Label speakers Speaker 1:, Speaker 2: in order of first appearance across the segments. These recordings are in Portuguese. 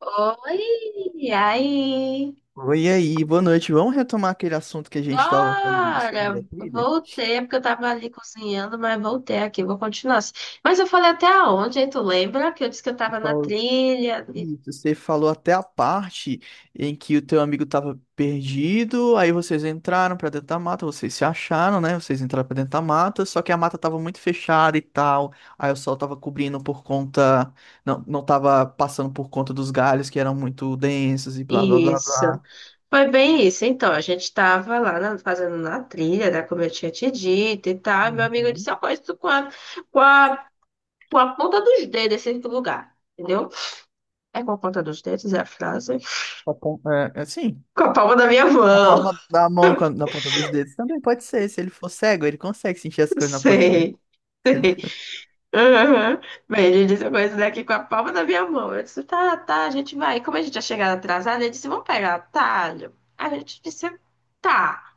Speaker 1: Oi, e aí?
Speaker 2: Oi, e aí, boa noite. Vamos retomar aquele assunto que a gente estava falando sobre
Speaker 1: Bora!
Speaker 2: a trilha?
Speaker 1: Voltei, é porque eu tava ali cozinhando, mas voltei aqui, vou continuar assim. Mas eu falei até aonde, hein? Tu lembra que eu disse que eu
Speaker 2: Você
Speaker 1: tava na
Speaker 2: falou,
Speaker 1: trilha?
Speaker 2: isso, você falou até a parte em que o teu amigo estava perdido, aí vocês entraram para dentro da mata, vocês se acharam, né? Vocês entraram para dentro da mata, só que a mata estava muito fechada e tal, aí o sol estava cobrindo por conta, não, não estava passando por conta dos galhos que eram muito densos e blá blá blá
Speaker 1: Isso.
Speaker 2: blá.
Speaker 1: Foi bem isso. Então, a gente tava lá fazendo na trilha, né? Como eu tinha te dito e tal. E meu amigo
Speaker 2: Uhum.
Speaker 1: disse, eu conheço com a, com a ponta dos dedos esse lugar. Entendeu? É com a ponta dos dedos, é a frase.
Speaker 2: Tá bom. É assim.
Speaker 1: Com a palma da minha
Speaker 2: Na
Speaker 1: mão.
Speaker 2: palma da mão, na ponta dos dedos também pode ser. Se ele for cego, ele consegue sentir as coisas na ponta dos dedos.
Speaker 1: Sei. Aham. Mas ele disse uma coisa daqui com a palma da minha mão. Eu disse, tá, tá, a gente vai. E como a gente ia chegar atrasada, ele disse, vamos pegar atalho. A gente disse, tá,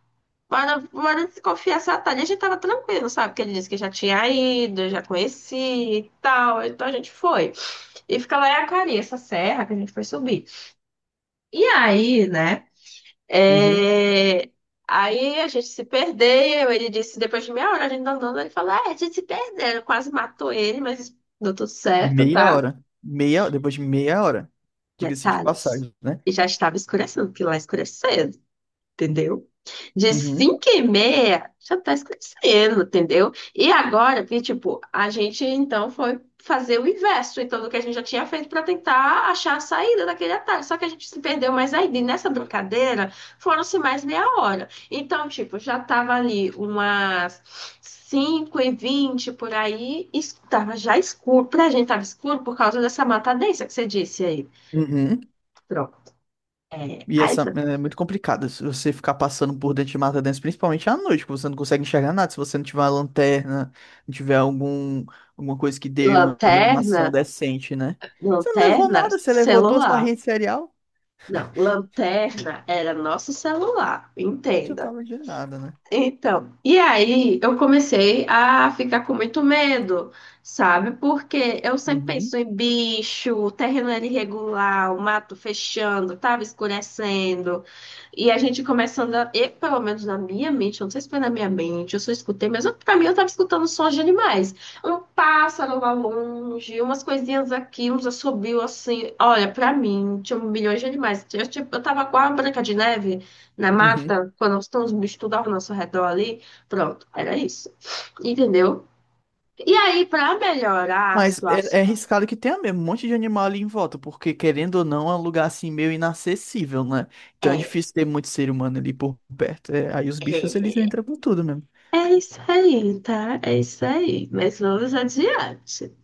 Speaker 1: bora, bora desconfiar esse atalho. E a gente tava tranquilo, sabe? Porque ele disse que já tinha ido, já conhecia e tal. Então a gente foi. E fica lá em Acari, essa serra que a gente foi subir. E aí, né?
Speaker 2: Uhum.
Speaker 1: É, aí a gente se perdeu. Ele disse, depois de meia hora, a gente tá andando, ele falou: é, a gente se perdeu. Quase matou ele, mas deu tudo certo,
Speaker 2: Meia
Speaker 1: tá?
Speaker 2: hora. Depois de meia hora. Diga-se de
Speaker 1: Detalhes.
Speaker 2: passagem, né?
Speaker 1: E já estava escurecendo, porque lá escureceu, entendeu? De
Speaker 2: Uhum.
Speaker 1: 5 e meia já está escurecendo, entendeu? E agora, que tipo, a gente então foi fazer o inverso, então, do que a gente já tinha feito para tentar achar a saída daquele atalho. Só que a gente se perdeu mais ainda. E nessa brincadeira foram-se mais meia hora. Então, tipo, já tava ali umas 5h20 por aí, e tava já escuro. Pra gente tava escuro por causa dessa mata densa que você disse aí.
Speaker 2: Uhum.
Speaker 1: Pronto. É,
Speaker 2: E
Speaker 1: aí,
Speaker 2: essa é muito complicada. Se você ficar passando por dentro de mata dentro, principalmente à noite, que você não consegue enxergar nada. Se você não tiver uma lanterna, não tiver alguma coisa que dê uma
Speaker 1: lanterna.
Speaker 2: iluminação decente, né? Você não levou
Speaker 1: Lanterna,
Speaker 2: nada, você levou duas
Speaker 1: celular.
Speaker 2: barrinhas de cereal.
Speaker 1: Não, lanterna era nosso celular,
Speaker 2: Não
Speaker 1: entenda.
Speaker 2: adiantava de nada, né?
Speaker 1: Então, e aí eu comecei a ficar com muito medo, sabe? Porque eu sempre
Speaker 2: Uhum.
Speaker 1: penso em bicho, terreno era irregular, o mato fechando, tava escurecendo. E a gente começando a, e, pelo menos na minha mente, eu não sei se foi na minha mente, eu só escutei, mas pra mim eu tava escutando sons de animais. Um pássaro lá longe, umas coisinhas aqui, uns assobios assim. Olha, pra mim, tinha milhões de animais. Eu, tipo, eu tava com a Branca de Neve na
Speaker 2: Uhum.
Speaker 1: mata, quando estão os bichos tudo ao nosso redor ali. Pronto, era isso. Entendeu? E aí, para melhorar a
Speaker 2: Mas é,
Speaker 1: situação,
Speaker 2: é arriscado que tenha mesmo um monte de animal ali em volta, porque querendo ou não, é um lugar assim meio inacessível, né? Então é
Speaker 1: é,
Speaker 2: difícil ter muito ser humano ali por perto. É, aí os bichos eles
Speaker 1: é,
Speaker 2: entram com tudo mesmo.
Speaker 1: é isso aí, tá? É isso aí. Mas vamos adiante.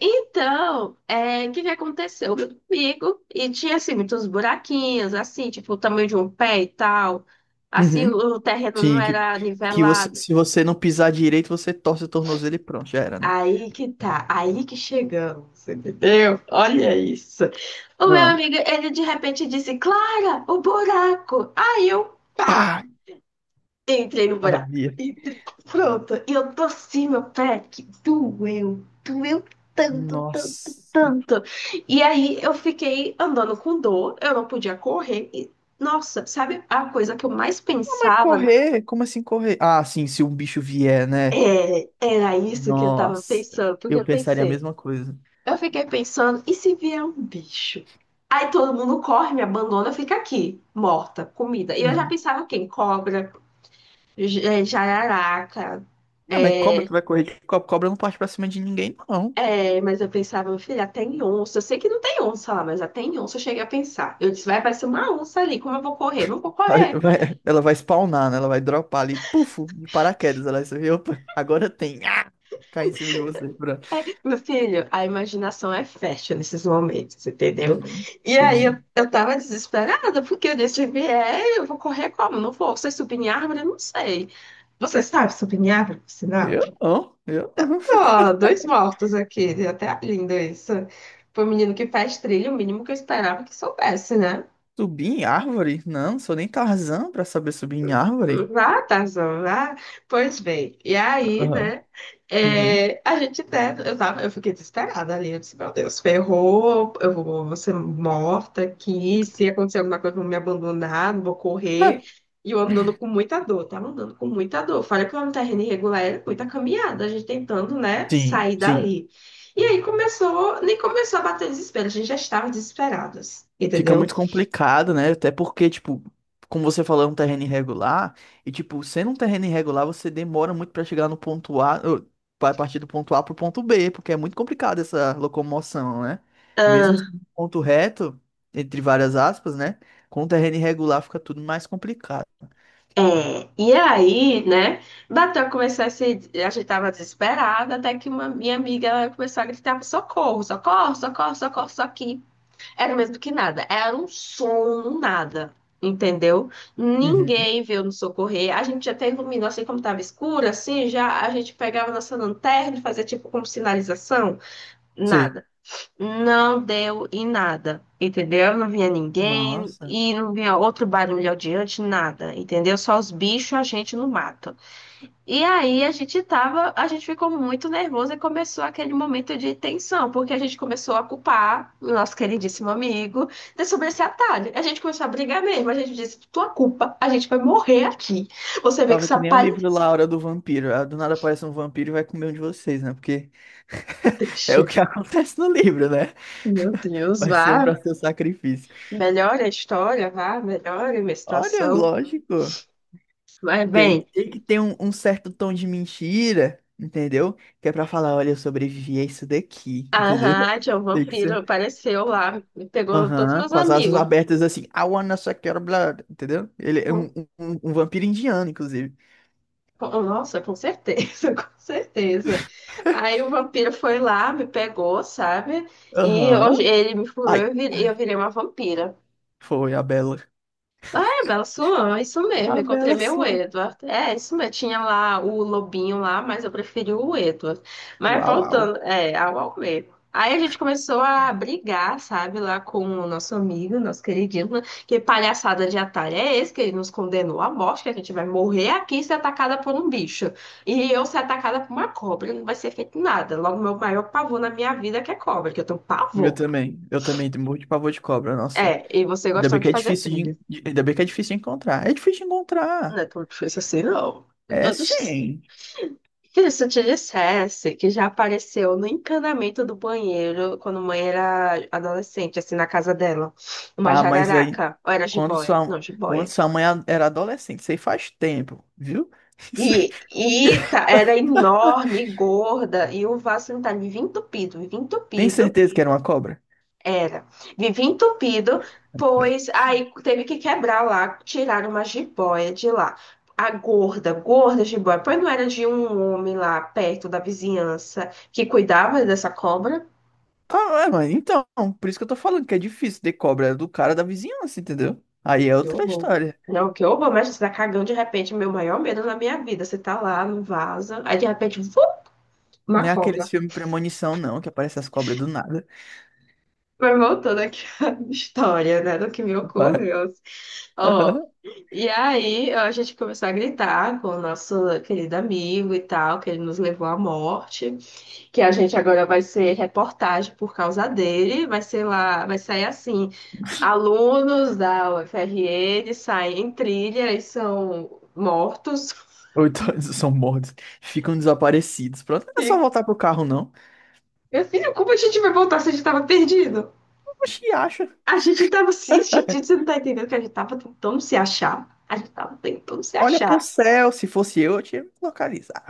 Speaker 1: Então, é, o que que aconteceu comigo? E tinha, assim, muitos buraquinhos, assim, tipo, o tamanho de um pé e tal. Assim, o
Speaker 2: Uhum.
Speaker 1: o terreno não
Speaker 2: Sim,
Speaker 1: era nivelado.
Speaker 2: se você não pisar direito, você torce o tornozelo e pronto, já era, né?
Speaker 1: Aí que tá, aí que chegamos, entendeu? Olha isso. O meu
Speaker 2: Ah,
Speaker 1: amigo, ele de repente disse, Clara, o buraco. Aí eu, pá,
Speaker 2: pá,
Speaker 1: entrei no buraco.
Speaker 2: sabia.
Speaker 1: Entrei- Pronto, e eu torci meu pé, que doeu, doeu tanto, tanto,
Speaker 2: Nossa.
Speaker 1: tanto. E aí eu fiquei andando com dor, eu não podia correr. E, nossa, sabe a coisa que eu mais
Speaker 2: Não, mas
Speaker 1: pensava?
Speaker 2: correr? Como assim correr? Ah, sim, se um bicho vier, né?
Speaker 1: É, era isso que eu tava
Speaker 2: Nossa.
Speaker 1: pensando, porque
Speaker 2: Eu
Speaker 1: eu
Speaker 2: pensaria a
Speaker 1: pensei.
Speaker 2: mesma coisa.
Speaker 1: Eu fiquei pensando, e se vier um bicho? Aí todo mundo corre, me abandona, fica aqui, morta, comida. E eu já
Speaker 2: Uhum.
Speaker 1: pensava o quê? Em cobra, jararaca.
Speaker 2: Não, mas cobra
Speaker 1: É,
Speaker 2: que vai correr de cobra, cobra não parte pra cima de ninguém, não.
Speaker 1: mas eu pensava, meu filho, até em onça. Eu sei que não tem onça lá, mas até em onça eu cheguei a pensar. Eu disse, vai aparecer uma onça ali, como eu vou correr? Não vou
Speaker 2: Aí
Speaker 1: correr.
Speaker 2: ela vai spawnar, né? Ela vai dropar ali, pufo, de paraquedas. Ela vai ver, opa, agora tem. Ah! Cai em cima de você. Pronto.
Speaker 1: É, meu filho, a imaginação é fértil nesses momentos, entendeu?
Speaker 2: Uhum,
Speaker 1: E aí eu,
Speaker 2: entendi.
Speaker 1: eu tava desesperada, porque eu disse, se vier, eu vou correr como? Não vou. Você subir em árvore? Eu não sei. Você sabe subir em árvore, por sinal?
Speaker 2: Eu não, eu não.
Speaker 1: Ó, dois mortos aqui, até lindo isso. Foi um menino que faz trilha, o mínimo que eu esperava que soubesse, né?
Speaker 2: Subir em árvore? Não, não sou nem Tarzan pra saber subir em árvore.
Speaker 1: Vá, Tarzan, vá. Pois bem, e aí,
Speaker 2: Aham.
Speaker 1: né?
Speaker 2: Uhum.
Speaker 1: É, a gente até. Eu fiquei desesperada ali. Eu disse, meu Deus, ferrou, eu vou ser morta aqui. Se acontecer alguma coisa, vão me abandonar, não vou
Speaker 2: Ah,
Speaker 1: correr. E eu andando com muita dor, tava andando com muita dor. Fora que lá no terreno irregular era muita caminhada, a gente tentando, né,
Speaker 2: sim,
Speaker 1: sair
Speaker 2: sim.
Speaker 1: dali. E aí começou, nem começou a bater desespero, a gente já estava desesperadas,
Speaker 2: Fica
Speaker 1: entendeu?
Speaker 2: muito complicado, né? Até porque, tipo, como você falou, é um terreno irregular. E, tipo, sendo um terreno irregular, você demora muito pra chegar no ponto A ou vai partir do ponto A pro ponto B, porque é muito complicado essa locomoção, né? Mesmo sendo um ponto reto, entre várias aspas, né? Com o terreno irregular fica tudo mais complicado.
Speaker 1: É, e aí, né, bateu a começar a se, a gente tava desesperada, até que uma minha amiga ela começou a gritar, socorro, socorro, socorro, socorro, só que era o mesmo que nada, era um som no nada, entendeu?
Speaker 2: Uhum,
Speaker 1: Ninguém veio nos socorrer, a gente até iluminou, assim como tava escuro, assim, já a gente pegava nossa lanterna e fazia tipo como sinalização,
Speaker 2: sei.
Speaker 1: nada. Não deu em nada, entendeu? Não vinha ninguém
Speaker 2: Nossa.
Speaker 1: e não vinha outro barulho adiante, nada, entendeu? Só os bichos, a gente no mato. E aí a gente ficou muito nervoso e começou aquele momento de tensão, porque a gente começou a culpar o nosso queridíssimo amigo de sobre esse atalho. A gente começou a brigar mesmo, a gente disse, tua culpa, a gente vai morrer aqui. Você vê que
Speaker 2: Tava que
Speaker 1: essa
Speaker 2: nem o
Speaker 1: palha
Speaker 2: livro lá, A Hora do Vampiro. Ah, do nada aparece um vampiro e vai comer um de vocês, né? Porque
Speaker 1: é
Speaker 2: é o
Speaker 1: triste.
Speaker 2: que acontece no livro, né?
Speaker 1: Meu Deus,
Speaker 2: Vai ser um
Speaker 1: vá.
Speaker 2: para seu sacrifício.
Speaker 1: Melhora a história, vá, melhora a minha
Speaker 2: Olha,
Speaker 1: situação.
Speaker 2: lógico.
Speaker 1: Mas
Speaker 2: Tem,
Speaker 1: bem.
Speaker 2: tem que ter um certo tom de mentira, entendeu? Que é pra falar, olha, eu sobrevivi a isso daqui, entendeu?
Speaker 1: Aham, tinha um
Speaker 2: Tem que
Speaker 1: vampiro,
Speaker 2: ser.
Speaker 1: apareceu lá, me pegou todos
Speaker 2: Aham,
Speaker 1: meus
Speaker 2: com as asas
Speaker 1: amigos.
Speaker 2: abertas assim. I wanna suck your blood, entendeu? Ele é um,
Speaker 1: Com-
Speaker 2: um, um um vampiro indiano, inclusive.
Speaker 1: Nossa, com certeza, com certeza. Aí o vampiro foi lá, me pegou, sabe? E
Speaker 2: Aham.
Speaker 1: hoje ele me furou e
Speaker 2: Ai,
Speaker 1: eu
Speaker 2: ai,
Speaker 1: virei uma vampira.
Speaker 2: foi a Bela.
Speaker 1: Bela Swan, isso mesmo,
Speaker 2: A
Speaker 1: encontrei
Speaker 2: Bela
Speaker 1: meu
Speaker 2: sua.
Speaker 1: Edward. É, isso mesmo, tinha lá o lobinho lá, mas eu preferi o Edward. Mas
Speaker 2: Uau, uau.
Speaker 1: voltando, é, ao Almeida. Aí a gente começou a brigar, sabe, lá com o nosso amigo, nosso queridíssimo, que palhaçada de atalho é esse, que ele nos condenou à morte, que a gente vai morrer aqui e ser atacada por um bicho. E eu ser atacada por uma cobra, não vai ser feito nada. Logo, meu maior pavor na minha vida é que é cobra, que eu tenho
Speaker 2: Meu
Speaker 1: pavor.
Speaker 2: também. Eu também tenho morro de pavor de cobra, nossa.
Speaker 1: É, e você gostando de fazer trilha.
Speaker 2: Ainda bem que é difícil de encontrar. É difícil de
Speaker 1: Não
Speaker 2: encontrar.
Speaker 1: é tão difícil assim, não.
Speaker 2: É sim.
Speaker 1: Filho, se eu te dissesse que já apareceu no encanamento do banheiro quando mãe era adolescente, assim, na casa dela, uma
Speaker 2: Ah, mas aí,
Speaker 1: jararaca, ou era
Speaker 2: quando
Speaker 1: jiboia? Não,
Speaker 2: sua, quando
Speaker 1: jiboia.
Speaker 2: sua mãe era adolescente, isso aí faz tempo, viu? Isso aí-
Speaker 1: E tá, era enorme, gorda, e o vaso sanitário vivia
Speaker 2: Tem
Speaker 1: entupido,
Speaker 2: certeza que era uma cobra?
Speaker 1: era, vivia entupido, pois aí teve que quebrar lá, tirar uma jiboia de lá. A gorda, gorda jiboia, pois não era de um homem lá perto da vizinhança que cuidava dessa cobra?
Speaker 2: Claro, é, mas então, por isso que eu tô falando que é difícil ter cobra, é do cara da vizinhança, entendeu? Aí é
Speaker 1: Que
Speaker 2: outra
Speaker 1: horror.
Speaker 2: história.
Speaker 1: Não, que horror, mas você tá cagando de repente, meu maior medo na minha vida. Você tá lá no vaza aí de repente, vu, uma
Speaker 2: Não é aqueles
Speaker 1: cobra.
Speaker 2: filmes Premonição, não, que aparecem as cobras do nada.
Speaker 1: Mas voltando aqui à história, né, do que me
Speaker 2: Vai.
Speaker 1: ocorreu. Ó,
Speaker 2: Aham.
Speaker 1: e aí a gente começou a gritar com o nosso querido amigo e tal, que ele nos levou à morte, que a gente agora vai ser reportagem por causa dele, vai ser lá, vai sair assim, alunos da UFRN saem em trilha e são mortos.
Speaker 2: Ou então eles são mortos, ficam desaparecidos. Pronto, não é só
Speaker 1: E
Speaker 2: voltar pro carro, não.
Speaker 1: meu filho, como a gente vai voltar se a gente tava perdido?
Speaker 2: Oxi, acha.
Speaker 1: A gente tava assim, gente, você não tá entendendo que a gente tava tentando se achar. A gente tava tentando se
Speaker 2: Olha pro
Speaker 1: achar.
Speaker 2: céu, se fosse eu tinha me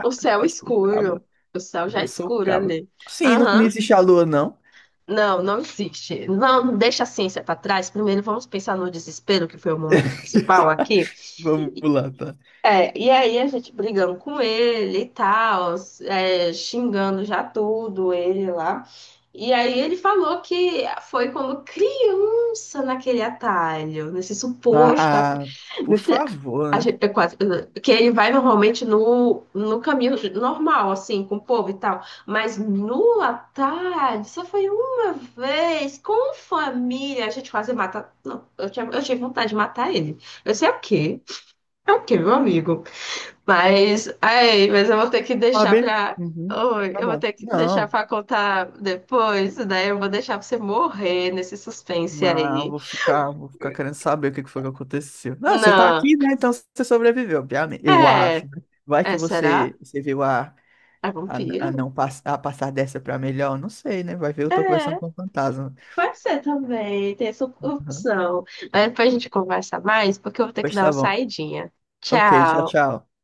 Speaker 1: O céu
Speaker 2: que eu sou o cabo.
Speaker 1: escuro. O céu já é
Speaker 2: Eu sou o
Speaker 1: escuro
Speaker 2: cabra.
Speaker 1: ali.
Speaker 2: Sim, não, não
Speaker 1: Aham.
Speaker 2: existe a lua, não.
Speaker 1: Não, não existe. Não, deixa a ciência pra trás. Primeiro vamos pensar no desespero, que foi o momento principal aqui.
Speaker 2: Vamos lá, tá?
Speaker 1: É, e aí a gente brigando com ele e tal, é, xingando já tudo ele lá. E aí ele falou que foi quando criança naquele atalho, nesse suposto atalho.
Speaker 2: Ah, por
Speaker 1: Meu filho,
Speaker 2: favor,
Speaker 1: a
Speaker 2: né?
Speaker 1: gente, eu quase, que ele vai normalmente no caminho normal, assim, com o povo e tal. Mas no atalho, só foi uma vez, com família, a gente quase mata. Não, eu tinha, eu tive vontade de matar ele. Eu sei o quê? É o quê, meu amigo? Mas, ai, mas eu vou ter que
Speaker 2: Tá
Speaker 1: deixar
Speaker 2: bem?
Speaker 1: pra.
Speaker 2: Uhum,
Speaker 1: Oi,
Speaker 2: tá
Speaker 1: eu vou
Speaker 2: bom.
Speaker 1: ter que deixar
Speaker 2: Não,
Speaker 1: pra contar depois, né? Eu vou deixar você morrer nesse suspense
Speaker 2: não,
Speaker 1: aí.
Speaker 2: vou ficar querendo saber o que que foi que aconteceu. Não, você tá
Speaker 1: Não.
Speaker 2: aqui, né? Então você sobreviveu, obviamente. Eu acho,
Speaker 1: É.
Speaker 2: né? Vai que
Speaker 1: É, será?
Speaker 2: você viu a,
Speaker 1: É
Speaker 2: a,
Speaker 1: vampiro?
Speaker 2: a não pass, a passar dessa pra melhor, não sei, né? Vai ver, eu tô conversando
Speaker 1: É,
Speaker 2: com o fantasma.
Speaker 1: pode ser também. Tem essa
Speaker 2: Uhum.
Speaker 1: opção. Mas depois a gente conversa mais, porque eu vou ter que
Speaker 2: Pois
Speaker 1: dar
Speaker 2: tá
Speaker 1: uma
Speaker 2: bom.
Speaker 1: saidinha.
Speaker 2: Ok, tchau,
Speaker 1: Tchau.
Speaker 2: tchau.